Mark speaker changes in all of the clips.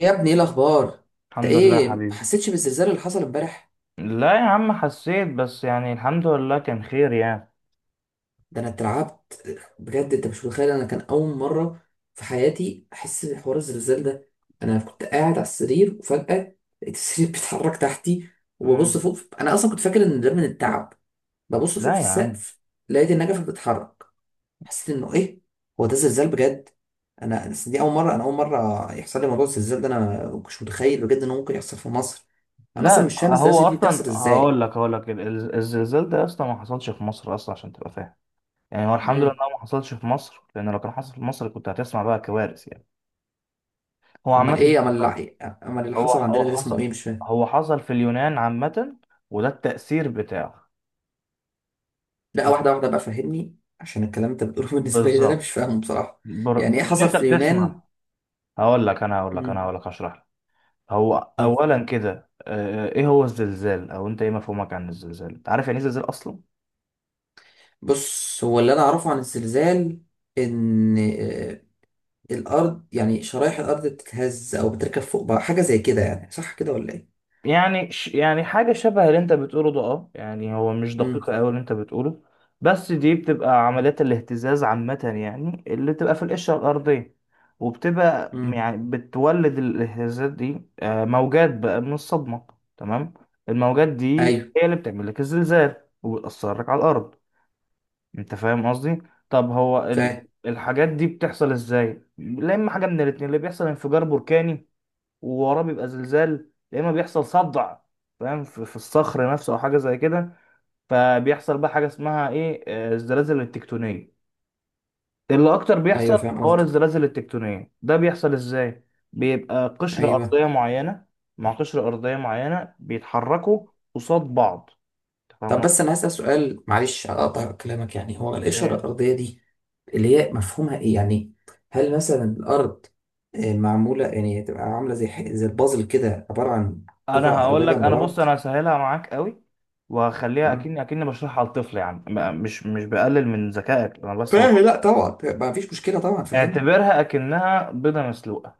Speaker 1: يا ابني، ايه الاخبار؟ انت
Speaker 2: الحمد لله يا
Speaker 1: ايه، ما
Speaker 2: حبيبي.
Speaker 1: حسيتش بالزلزال اللي حصل امبارح؟
Speaker 2: لا يا عم، حسيت بس يعني الحمد لله كان خير يعني.
Speaker 1: ده انا اترعبت بجد. انت مش متخيل، انا كان اول مره في حياتي احس بحوار الزلزال ده. انا كنت قاعد على السرير وفجاه لقيت السرير بيتحرك تحتي، وببص
Speaker 2: مم.
Speaker 1: فوق. انا اصلا كنت فاكر ان ده من التعب. ببص فوق
Speaker 2: لا
Speaker 1: في
Speaker 2: يا عم.
Speaker 1: السقف، لقيت النجفه بتتحرك. حسيت انه ايه، هو ده زلزال بجد. انا أصل دي اول مره يحصل لي موضوع الزلزال ده. انا مش متخيل بجد انه ممكن يحصل في مصر. انا اصلا
Speaker 2: لا
Speaker 1: مش فاهم
Speaker 2: هو
Speaker 1: الزلازل دي بتحصل
Speaker 2: اصلا هقول
Speaker 1: ازاي.
Speaker 2: لك هقول لك الزلزال ده اصلا ما حصلش في مصر اصلا عشان تبقى فاهم. يعني هو الحمد لله
Speaker 1: امم
Speaker 2: إنه ما حصلش في مصر، لان لو كان حصل في مصر كنت هتسمع بقى كوارث يعني. هو
Speaker 1: امال
Speaker 2: عامه
Speaker 1: ايه امال اللي امال اللي
Speaker 2: هو
Speaker 1: حصل
Speaker 2: هو
Speaker 1: عندنا ده اسمه ايه؟
Speaker 2: حصل
Speaker 1: مش فاهم.
Speaker 2: هو حصل في اليونان عامه، وده التأثير بتاعه.
Speaker 1: لا،
Speaker 2: يعني،
Speaker 1: واحده واحده بقى، فهمني عشان الكلام اللي انت بتقوله بالنسبه لي ده انا مش
Speaker 2: بالظبط.
Speaker 1: فاهمه بصراحه. يعني ايه
Speaker 2: مش
Speaker 1: حصل
Speaker 2: انت
Speaker 1: في
Speaker 2: بتسمع؟
Speaker 1: اليونان؟
Speaker 2: هقول لك انا هقول لك انا
Speaker 1: مم.
Speaker 2: هقول لك هشرح لك. هو
Speaker 1: طيب،
Speaker 2: اولا كده، ايه هو الزلزال؟ او انت ايه مفهومك عن الزلزال؟ انت عارف يعني ايه زلزال اصلا؟
Speaker 1: بص، هو اللي انا اعرفه عن الزلزال ان الارض، يعني شرايح الارض بتتهز او بتركب فوق بعض، حاجه زي كده، يعني صح كده ولا ايه؟
Speaker 2: يعني يعني حاجه شبه اللي انت بتقوله ده. اه يعني هو مش
Speaker 1: امم
Speaker 2: دقيقه قوي اللي انت بتقوله. بس دي بتبقى عمليات الاهتزاز عامه، يعني اللي بتبقى في القشره الارضيه، وبتبقى
Speaker 1: امم
Speaker 2: يعني بتولد الاهتزازات دي، موجات بقى من الصدمه. تمام. الموجات دي
Speaker 1: ايوه،
Speaker 2: هي اللي بتعمل لك الزلزال وبتاثر لك على الارض. انت فاهم قصدي؟ طب هو
Speaker 1: فاهم.
Speaker 2: الحاجات دي بتحصل ازاي؟ لا اما حاجه من الاتنين، اللي بيحصل انفجار بركاني ووراه بيبقى زلزال، يا اما بيحصل صدع، فاهم، في الصخر نفسه او حاجه زي كده. فبيحصل بقى حاجه اسمها ايه، الزلازل التكتونيه اللي اكتر
Speaker 1: ايوه،
Speaker 2: بيحصل.
Speaker 1: فاهم
Speaker 2: حوار
Speaker 1: قصدك.
Speaker 2: الزلازل التكتونيه ده بيحصل ازاي؟ بيبقى قشره
Speaker 1: ايوه.
Speaker 2: ارضيه معينه مع قشره ارضيه معينه، بيتحركوا قصاد بعض.
Speaker 1: طب،
Speaker 2: تفهم؟
Speaker 1: بس انا هسأل سؤال معلش، هقطع كلامك. يعني هو القشرة الأرضية دي، اللي هي مفهومها ايه يعني؟ هل مثلا الأرض معمولة، يعني تبقى عاملة زي زي البازل كده، عبارة عن
Speaker 2: انا
Speaker 1: قطع
Speaker 2: هقول
Speaker 1: أرضية
Speaker 2: لك،
Speaker 1: جنب
Speaker 2: انا بص،
Speaker 1: بعض؟
Speaker 2: انا هسهلها معاك قوي، وهخليها
Speaker 1: مم.
Speaker 2: اكني بشرحها لطفل، يعني مش بقلل من ذكائك، انا بس
Speaker 1: فاهم،
Speaker 2: ببقى.
Speaker 1: لا طبعا، ما فيش مشكلة طبعا، فاهمني.
Speaker 2: اعتبرها اكنها بيضه مسلوقه.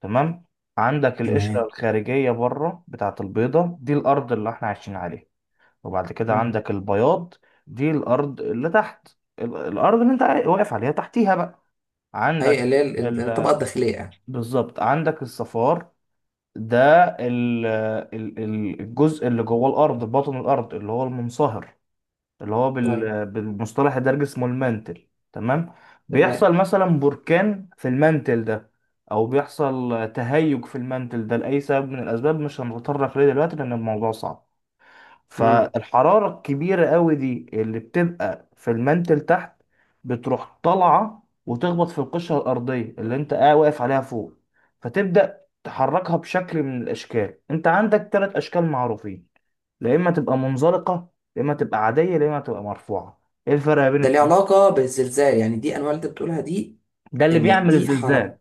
Speaker 2: تمام؟ عندك القشره
Speaker 1: تمام.
Speaker 2: الخارجيه بره بتاعه البيضه دي، الارض اللي احنا عايشين عليها. وبعد كده
Speaker 1: مم.
Speaker 2: عندك البياض، دي الارض اللي تحت الارض اللي انت واقف عليها. تحتيها بقى
Speaker 1: أي
Speaker 2: عندك
Speaker 1: اللي هي الطبقة
Speaker 2: ال...
Speaker 1: الداخلية يعني؟
Speaker 2: بالظبط، عندك الصفار، ده الجزء اللي جوه الارض، بطن الارض اللي هو المنصهر، اللي هو
Speaker 1: طيب.
Speaker 2: بالمصطلح الدارجي اسمه المانتل. تمام؟
Speaker 1: تمام.
Speaker 2: بيحصل مثلا بركان في المانتل ده، او بيحصل تهيج في المانتل ده لاي سبب من الاسباب، مش هنتطرق ليه دلوقتي لان الموضوع صعب.
Speaker 1: مم.
Speaker 2: فالحرارة الكبيرة قوي دي اللي بتبقى في المانتل تحت بتروح طالعة وتخبط في القشرة الأرضية اللي أنت قاعد واقف عليها فوق. فتبدأ تحركها بشكل من الأشكال. أنت عندك ثلاث أشكال معروفين: يا إما تبقى منزلقة، يا إما تبقى عادية، يا إما تبقى مرفوعة. إيه الفرق بين
Speaker 1: ده ليه
Speaker 2: التلاتة؟
Speaker 1: علاقة بالزلزال؟ يعني دي أنواع اللي أنت بتقولها دي.
Speaker 2: ده اللي
Speaker 1: إن
Speaker 2: بيعمل
Speaker 1: دي حركة،
Speaker 2: الزلزال.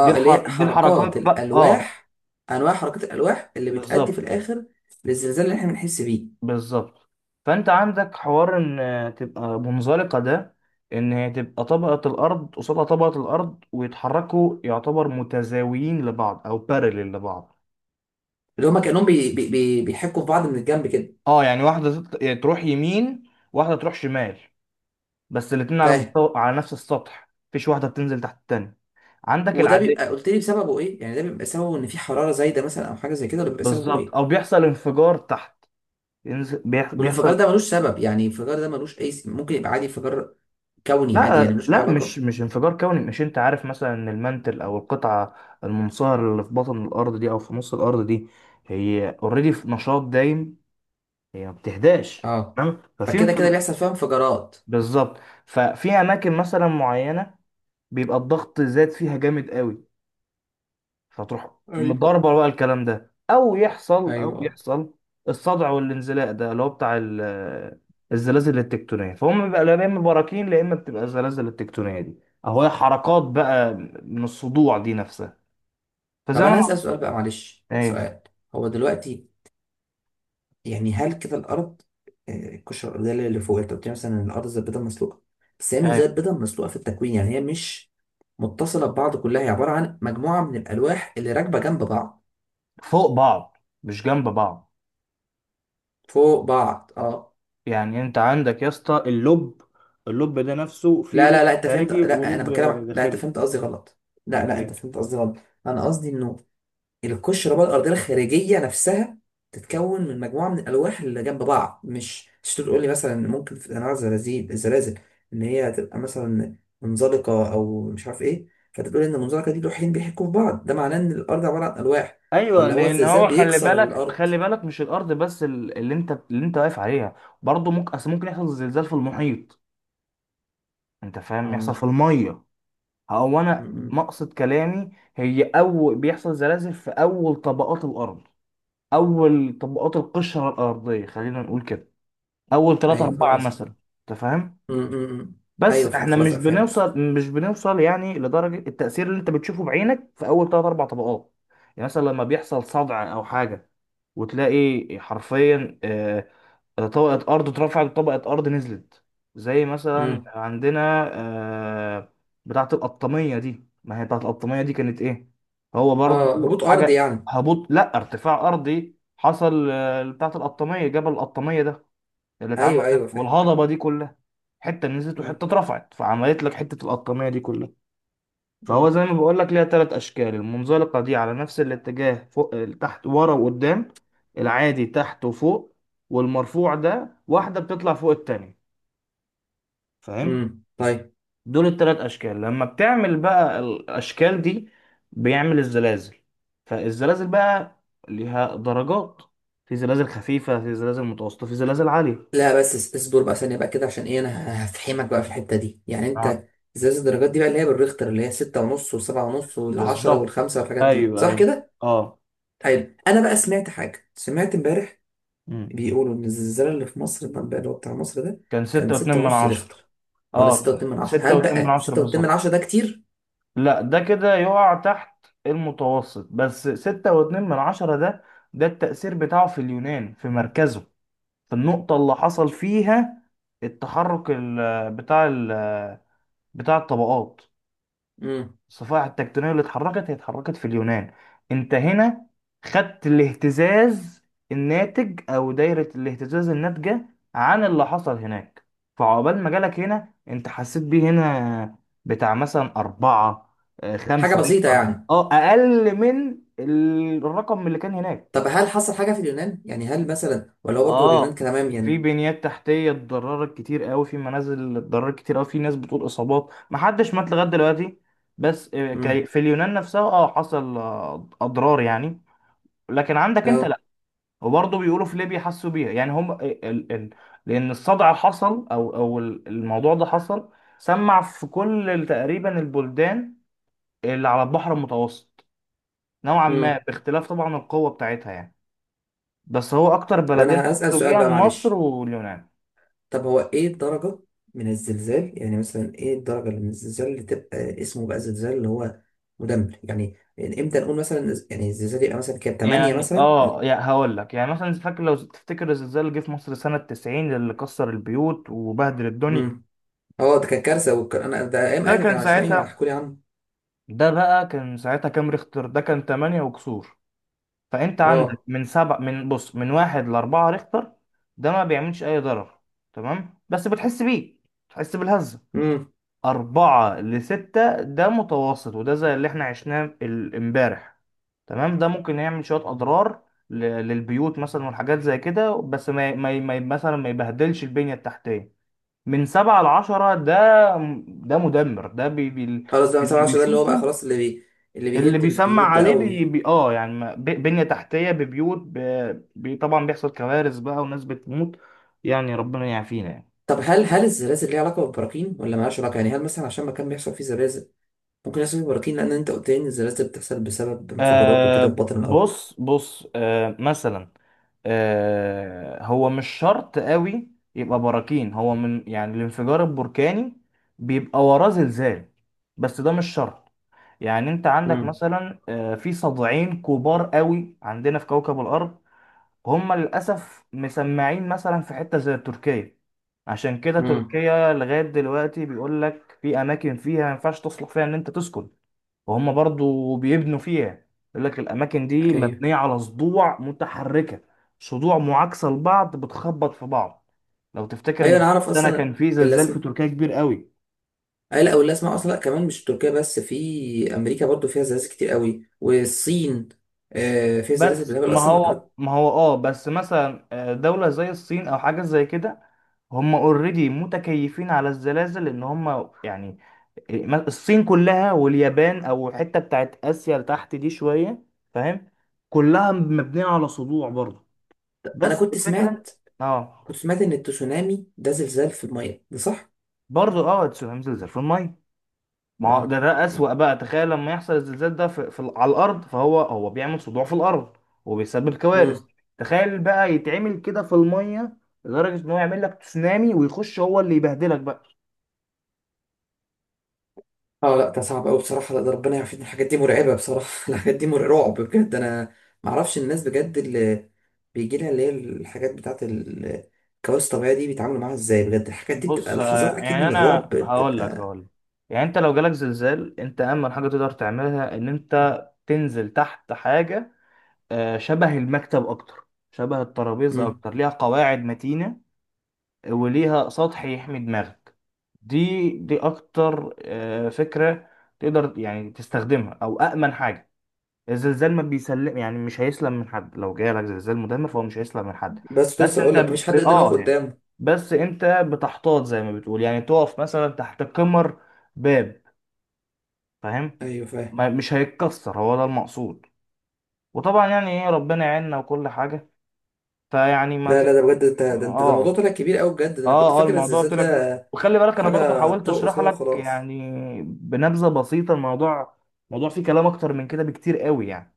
Speaker 1: اللي هي
Speaker 2: دي
Speaker 1: حركات
Speaker 2: الحركات بقى،
Speaker 1: الالواح انواع حركات الالواح اللي بتأدي في
Speaker 2: بالظبط.
Speaker 1: الاخر للزلزال اللي احنا بنحس بيه.
Speaker 2: بالظبط. فانت عندك حوار ان تبقى منزلقه، ده ان هي تبقى طبقه الارض قصادها طبقه الارض ويتحركوا، يعتبر متزاويين لبعض او بارلل لبعض.
Speaker 1: اللي هما كانهم بي بي بي بيحكوا في بعض من الجنب كده.
Speaker 2: اه يعني واحده يعني تروح يمين، واحده تروح شمال، بس الاتنين على
Speaker 1: فاهم.
Speaker 2: مستوى، على نفس السطح، مفيش واحده بتنزل تحت التانيه. عندك
Speaker 1: وده
Speaker 2: العاديه.
Speaker 1: بيبقى، قلت لي بسببه ايه؟ يعني ده بيبقى سببه ان في حراره زايده مثلا، او حاجه زي كده، ولا بيبقى سببه
Speaker 2: بالظبط،
Speaker 1: ايه؟
Speaker 2: او بيحصل انفجار تحت، بيحصل.
Speaker 1: والانفجار ده ملوش سبب؟ يعني الانفجار ده ملوش اي، ممكن يبقى عادي، انفجار كوني عادي،
Speaker 2: لا
Speaker 1: يعني ملوش اي
Speaker 2: لا، مش
Speaker 1: علاقه.
Speaker 2: مش انفجار كوني. مش انت عارف مثلا ان المنتل، او القطعه المنصهره اللي في بطن الارض دي، او في نص الارض دي، هي اوريدي في نشاط دايم، هي ما بتهداش.
Speaker 1: اه.
Speaker 2: تمام؟ ففي
Speaker 1: فكده كده
Speaker 2: انفجار.
Speaker 1: بيحصل فيها انفجارات.
Speaker 2: بالظبط. ففي اماكن مثلا معينه بيبقى الضغط زاد فيها جامد قوي، هتروح
Speaker 1: ايوه،
Speaker 2: مضاربة بقى الكلام ده، أو يحصل، أو
Speaker 1: ايوه.
Speaker 2: يحصل الصدع والانزلاق ده اللي هو بتاع الزلازل التكتونية. فهم بقى، لا إما براكين، لا إما بتبقى الزلازل التكتونية دي، أهو هي حركات بقى من الصدوع دي نفسها، فزي
Speaker 1: طب
Speaker 2: ما
Speaker 1: انا هسأل
Speaker 2: أنا.
Speaker 1: سؤال بقى معلش،
Speaker 2: أيوه،
Speaker 1: سؤال. هو دلوقتي يعني، هل كده الأرض، القشرة الأرضية اللي فوق، أنت قلت لي مثلا إن الأرض زي البيضة المسلوقة، بس هي مش
Speaker 2: أيوه.
Speaker 1: زي البيضة المسلوقة في التكوين، يعني هي مش متصلة ببعض كلها، هي عبارة عن مجموعة من الألواح اللي راكبة جنب بعض،
Speaker 2: فوق بعض، مش جنب بعض.
Speaker 1: فوق بعض. اه.
Speaker 2: يعني أنت عندك يا اسطى اللب، اللب ده نفسه فيه
Speaker 1: لا،
Speaker 2: لب
Speaker 1: لا، لا، أنت فهمت،
Speaker 2: خارجي
Speaker 1: لا، أنا
Speaker 2: ولب
Speaker 1: بتكلم، لا، أنت
Speaker 2: داخلي.
Speaker 1: فهمت قصدي غلط. لا،
Speaker 2: أمال
Speaker 1: لا، أنت
Speaker 2: إيه؟
Speaker 1: فهمت قصدي غلط. أنا قصدي إنه القشرة بقى الأرضية الخارجية نفسها تتكون من مجموعة من الألواح اللي جنب بعض، مش تقول لي مثلا ممكن في أنواع الزلازل إن هي تبقى مثلا منزلقة أو مش عارف إيه؟ فتقول إن المنزلقة دي لوحين بيحكوا في بعض، ده معناه إن الأرض عبارة عن ألواح،
Speaker 2: ايوه،
Speaker 1: ولا هو
Speaker 2: لان
Speaker 1: الزلزال
Speaker 2: هو خلي
Speaker 1: بيكسر
Speaker 2: بالك،
Speaker 1: الأرض؟
Speaker 2: خلي بالك، مش الارض بس اللي انت واقف عليها. برضه ممكن، اصل ممكن يحصل زلزال في المحيط، انت فاهم؟ يحصل
Speaker 1: آه.
Speaker 2: في الميه. هو
Speaker 1: م-
Speaker 2: انا
Speaker 1: م.
Speaker 2: مقصد كلامي، هي اول بيحصل زلازل في اول طبقات الارض، اول طبقات القشره الارضيه خلينا نقول كده، اول ثلاثة
Speaker 1: أيوه، فاهم
Speaker 2: أربعة
Speaker 1: قصدك.
Speaker 2: مثلا. انت فاهم؟
Speaker 1: م- م- م.
Speaker 2: بس
Speaker 1: أيوه، فهمت
Speaker 2: احنا
Speaker 1: خلاص.
Speaker 2: مش
Speaker 1: لأ، فهمت.
Speaker 2: بنوصل مش بنوصل يعني لدرجه التاثير اللي انت بتشوفه بعينك في اول ثلاثة أربع طبقات. يعني مثلا لما بيحصل صدع او حاجه، وتلاقي حرفيا، طبقة أرض اترفعت وطبقة أرض نزلت، زي مثلا
Speaker 1: م.
Speaker 2: عندنا آه، بتاعة القطامية دي. ما هي بتاعة القطامية دي كانت إيه؟ هو
Speaker 1: آه،
Speaker 2: برضو
Speaker 1: هبوط أرضي
Speaker 2: حاجة
Speaker 1: يعني.
Speaker 2: هبوط لا ارتفاع أرضي حصل، بتاعة القطامية، جبل القطامية ده اللي اتعمل
Speaker 1: أيوه،
Speaker 2: ده
Speaker 1: أيوه، فاهم.
Speaker 2: والهضبة دي كلها، حتة نزلت
Speaker 1: م-
Speaker 2: وحتة اترفعت فعملت لك حتة القطامية دي كلها.
Speaker 1: م.
Speaker 2: فهو زي ما بقول لك، ليها ثلاث اشكال. المنزلقه دي على نفس الاتجاه، فوق تحت، ورا وقدام. العادي تحت وفوق. والمرفوع ده واحده بتطلع فوق التانية. فاهم؟
Speaker 1: م. طيب.
Speaker 2: دول الثلاث اشكال، لما بتعمل بقى الاشكال دي، بيعمل الزلازل. فالزلازل بقى ليها درجات، في زلازل خفيفه، في زلازل متوسطه، في زلازل عاليه.
Speaker 1: لا بس اصبر بقى ثانية بقى كده، عشان ايه انا هفحمك بقى في الحتة دي يعني
Speaker 2: اه
Speaker 1: انت. ازاز الدرجات دي بقى، اللي هي بالريختر، اللي هي ستة ونص وسبعة ونص والعشرة
Speaker 2: بالظبط.
Speaker 1: والخمسة والحاجات دي،
Speaker 2: ايوه،
Speaker 1: صح
Speaker 2: ايوه.
Speaker 1: كده؟
Speaker 2: اه.
Speaker 1: حلو، انا بقى سمعت حاجة، سمعت امبارح
Speaker 2: مم.
Speaker 1: بيقولوا ان الزلزال اللي في مصر بقى، اللي هو بتاع مصر ده،
Speaker 2: كان
Speaker 1: كان
Speaker 2: ستة واتنين
Speaker 1: ستة
Speaker 2: من
Speaker 1: ونص
Speaker 2: عشرة
Speaker 1: ريختر. او لا، ستة
Speaker 2: اه
Speaker 1: واتنين من عشرة
Speaker 2: ستة
Speaker 1: هل
Speaker 2: واتنين من
Speaker 1: بقى
Speaker 2: عشرة
Speaker 1: ستة واتنين من
Speaker 2: بالظبط.
Speaker 1: عشرة ده كتير؟
Speaker 2: لا، ده كده يقع تحت المتوسط، بس 6.2 ده، ده التأثير بتاعه في اليونان، في مركزه، في النقطة اللي حصل فيها التحرك، بتاع الطبقات،
Speaker 1: امم
Speaker 2: الصفائح التكتونية اللي اتحركت، هي اتحركت في اليونان. انت هنا خدت الاهتزاز الناتج، او دايرة الاهتزاز الناتجة عن اللي حصل هناك، فعقبال ما جالك هنا انت حسيت بيه هنا بتاع مثلا أربعة،
Speaker 1: حاجة
Speaker 2: خمسة
Speaker 1: بسيطة
Speaker 2: ريكتر
Speaker 1: يعني.
Speaker 2: أقل من الرقم اللي كان هناك.
Speaker 1: طب هل حصل حاجة في اليونان؟ يعني هل مثلا، ولا هو برضه اليونان
Speaker 2: اه
Speaker 1: كان تمام
Speaker 2: في
Speaker 1: يعني؟
Speaker 2: بنيات تحتيه اتضررت كتير قوي، في منازل اتضررت كتير قوي، في ناس بتقول اصابات، ما حدش مات لغايه دلوقتي. بس
Speaker 1: امم
Speaker 2: في اليونان نفسها حصل اضرار يعني. لكن عندك انت
Speaker 1: اه
Speaker 2: لا. وبرضه بيقولوا في ليبيا حسوا بيها، يعني هم، لان الصدع اللي حصل او الموضوع ده حصل، سمع في كل تقريبا البلدان اللي على البحر المتوسط، نوعا ما،
Speaker 1: امم
Speaker 2: باختلاف طبعا القوه بتاعتها يعني. بس هو اكتر
Speaker 1: طب
Speaker 2: بلدين
Speaker 1: انا هسأل
Speaker 2: حسوا
Speaker 1: سؤال
Speaker 2: بيها
Speaker 1: بقى
Speaker 2: مصر
Speaker 1: معلش.
Speaker 2: واليونان.
Speaker 1: طب هو ايه الدرجة من الزلزال؟ يعني مثلا ايه الدرجة اللي من الزلزال اللي تبقى اسمه بقى زلزال اللي هو مدمر؟ يعني امتى نقول مثلا، يعني الزلزال يبقى مثلا كام، 8
Speaker 2: يعني
Speaker 1: مثلا؟
Speaker 2: يعني هقول لك، يعني مثلا فاكر، لو تفتكر الزلزال اللي جه في مصر سنة 90 اللي كسر البيوت وبهدل الدنيا.
Speaker 1: امم اه ده كان كارثة، انا ده ايام
Speaker 2: ده
Speaker 1: اهلي
Speaker 2: كان
Speaker 1: كانوا عايشين، ايوه، انا
Speaker 2: ساعتها.
Speaker 1: هحكوا لي عنه.
Speaker 2: ده بقى كان ساعتها كام ريختر؟ ده كان 8 وكسور. فانت عندك
Speaker 1: اه.
Speaker 2: من سبع من بص من 1-4 ريختر. ده ما بيعملش اي ضرر، تمام، بس بتحس بيه، بتحس بالهزة.
Speaker 1: امم
Speaker 2: 4-6 ده متوسط، وده زي اللي احنا عشناه امبارح. تمام. ده ممكن يعمل شوية أضرار للبيوت مثلا والحاجات زي كده، بس ما ي- ما ي- ما ي- مثلا ما يبهدلش البنية التحتية. من 7-10 ده، ده مدمر. ده بي بي
Speaker 1: خلاص، ده من 7
Speaker 2: اللي
Speaker 1: 10، ده اللي هو بقى
Speaker 2: بيشوفه،
Speaker 1: خلاص، اللي
Speaker 2: اللي
Speaker 1: بيهد
Speaker 2: بيسمع
Speaker 1: البيوت بقى
Speaker 2: عليه، بي
Speaker 1: قوي.
Speaker 2: بي يعني بنية تحتية، ببيوت، ب- بي طبعا بيحصل كوارث بقى، وناس بتموت يعني. ربنا يعافينا يعني.
Speaker 1: طب، هل الزلازل ليها علاقة بالبراكين، ولا مالهاش علاقة؟ يعني هل مثلا عشان مكان بيحصل فيه زلازل، ممكن يحصل فيه براكين؟ لان انت قلت لي ان الزلازل بتحصل بسبب انفجارات وكده في بطن الارض.
Speaker 2: بص، بص، مثلا، هو مش شرط قوي يبقى براكين. هو من يعني الانفجار البركاني بيبقى وراه زلزال، بس ده مش شرط. يعني انت عندك
Speaker 1: امم
Speaker 2: مثلا، في صدعين كبار قوي عندنا في كوكب الارض. هم للاسف مسمعين مثلا في حتة زي تركيا. عشان كده
Speaker 1: امم
Speaker 2: تركيا لغاية دلوقتي بيقول لك في اماكن فيها ما ينفعش تصلح فيها ان انت تسكن، وهم برضو بيبنوا فيها، يقول لك الاماكن دي
Speaker 1: ايوه،
Speaker 2: مبنيه على صدوع متحركه، صدوع معاكسه لبعض بتخبط في بعض. لو تفتكر
Speaker 1: ايوه. انا
Speaker 2: من
Speaker 1: اعرف
Speaker 2: سنه
Speaker 1: اصلا
Speaker 2: كان في زلزال في
Speaker 1: الاسماء.
Speaker 2: تركيا كبير قوي.
Speaker 1: أي لا، او الاسماء اصلا، لا كمان، مش تركيا بس، في امريكا برضو فيها زلازل كتير قوي، والصين فيها زلازل
Speaker 2: بس
Speaker 1: بالهبل
Speaker 2: ما
Speaker 1: اصلا.
Speaker 2: هو ما هو اه بس مثلا، دولة زي الصين او حاجة زي كده، هم اوريدي متكيفين على الزلازل ان هم، يعني إيه، الصين كلها واليابان او الحتة بتاعت اسيا لتحت دي شوية. فاهم؟ كلها مبنية على صدوع برضه.
Speaker 1: انا
Speaker 2: بس
Speaker 1: كنت
Speaker 2: الفكره.
Speaker 1: سمعت
Speaker 2: اه
Speaker 1: كنت سمعت ان التسونامي ده زلزال في الميه، ده صح؟
Speaker 2: برضه هينزل زي في الميه. ما هو
Speaker 1: اه.
Speaker 2: ده، ده اسوأ بقى. تخيل لما يحصل الزلزال ده على الارض، فهو بيعمل صداع في الارض وبيسبب كوارث.
Speaker 1: امم
Speaker 2: تخيل بقى يتعمل كده في الميه، لدرجه ان هو يعمل لك تسونامي، ويخش هو اللي يبهدلك بقى.
Speaker 1: اه لا، ده صعب قوي بصراحه، لا، ده ربنا يعافينا، الحاجات دي مرعبه بصراحه الحاجات دي مرعبة رعب بجد. انا ما اعرفش الناس بجد اللي بيجي لها، اللي هي الحاجات بتاعت الكوارث الطبيعيه دي، بيتعاملوا معاها ازاي بجد. الحاجات دي بتبقى
Speaker 2: بص،
Speaker 1: لحظات اكيد
Speaker 2: يعني
Speaker 1: من الرعب
Speaker 2: انا هقول لك
Speaker 1: بتبقى.
Speaker 2: هقول لك يعني انت لو جالك زلزال، انت امن حاجه تقدر تعملها ان انت تنزل تحت حاجه، شبه المكتب، اكتر شبه الترابيزه،
Speaker 1: مم.
Speaker 2: اكتر ليها قواعد متينه، وليها سطح يحمي دماغك. دي اكتر فكرة تقدر يعني تستخدمها، او امن حاجة. الزلزال ما بيسلم، يعني مش هيسلم من حد، لو جاي لك زلزال مدمر فهو مش هيسلم من حد.
Speaker 1: بس كنت
Speaker 2: بس
Speaker 1: لسه
Speaker 2: انت
Speaker 1: اقول لك مفيش
Speaker 2: ب...
Speaker 1: حد يقدر يقف
Speaker 2: اه يعني
Speaker 1: قدامه.
Speaker 2: بس انت بتحتاط زي ما بتقول، يعني تقف مثلا تحت كمر، باب. فاهم؟
Speaker 1: ايوه، فاهم.
Speaker 2: ما... مش هيتكسر، هو ده المقصود. وطبعا يعني ايه، ربنا يعيننا وكل حاجة. فيعني ما
Speaker 1: لا،
Speaker 2: ت...
Speaker 1: لا، ده بجد، انت ده موضوع
Speaker 2: اه
Speaker 1: طلع كبير قوي بجد، ده انا كنت
Speaker 2: اه
Speaker 1: فاكر
Speaker 2: الموضوع
Speaker 1: الزلزال
Speaker 2: طلع كبير،
Speaker 1: ده
Speaker 2: وخلي بالك انا برضو
Speaker 1: حاجه
Speaker 2: حاولت
Speaker 1: ترقص
Speaker 2: اشرح
Speaker 1: كده
Speaker 2: لك
Speaker 1: وخلاص.
Speaker 2: يعني بنبذه بسيطه الموضوع فيه كلام اكتر من كده بكتير قوي يعني.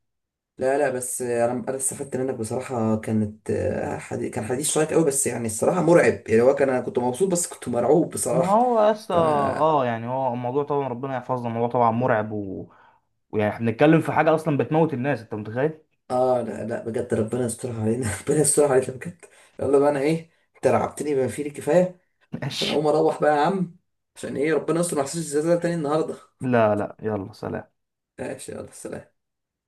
Speaker 1: لا، لا، بس انا استفدت منك بصراحه، كان حديث شيق قوي، بس يعني الصراحه مرعب، يعني هو كان، انا كنت مبسوط بس كنت مرعوب
Speaker 2: ما
Speaker 1: بصراحه.
Speaker 2: هو اصلا
Speaker 1: ف
Speaker 2: يعني، هو الموضوع طبعا ربنا يحفظنا، الموضوع طبعا مرعب ويعني احنا بنتكلم في حاجه اصلا بتموت الناس، انت متخيل؟
Speaker 1: اه لا، لا، بجد ربنا يسترها علينا ربنا يسترها علينا بجد. يلا بقى، انا ايه، انت رعبتني بما فيه الكفايه. انا
Speaker 2: ماشي.
Speaker 1: اقوم اروح بقى يا عم، عشان ايه ربنا يستر ما احسش الزلزال تاني النهارده.
Speaker 2: لا لا، يلا سلام.
Speaker 1: ماشي، يلا سلام.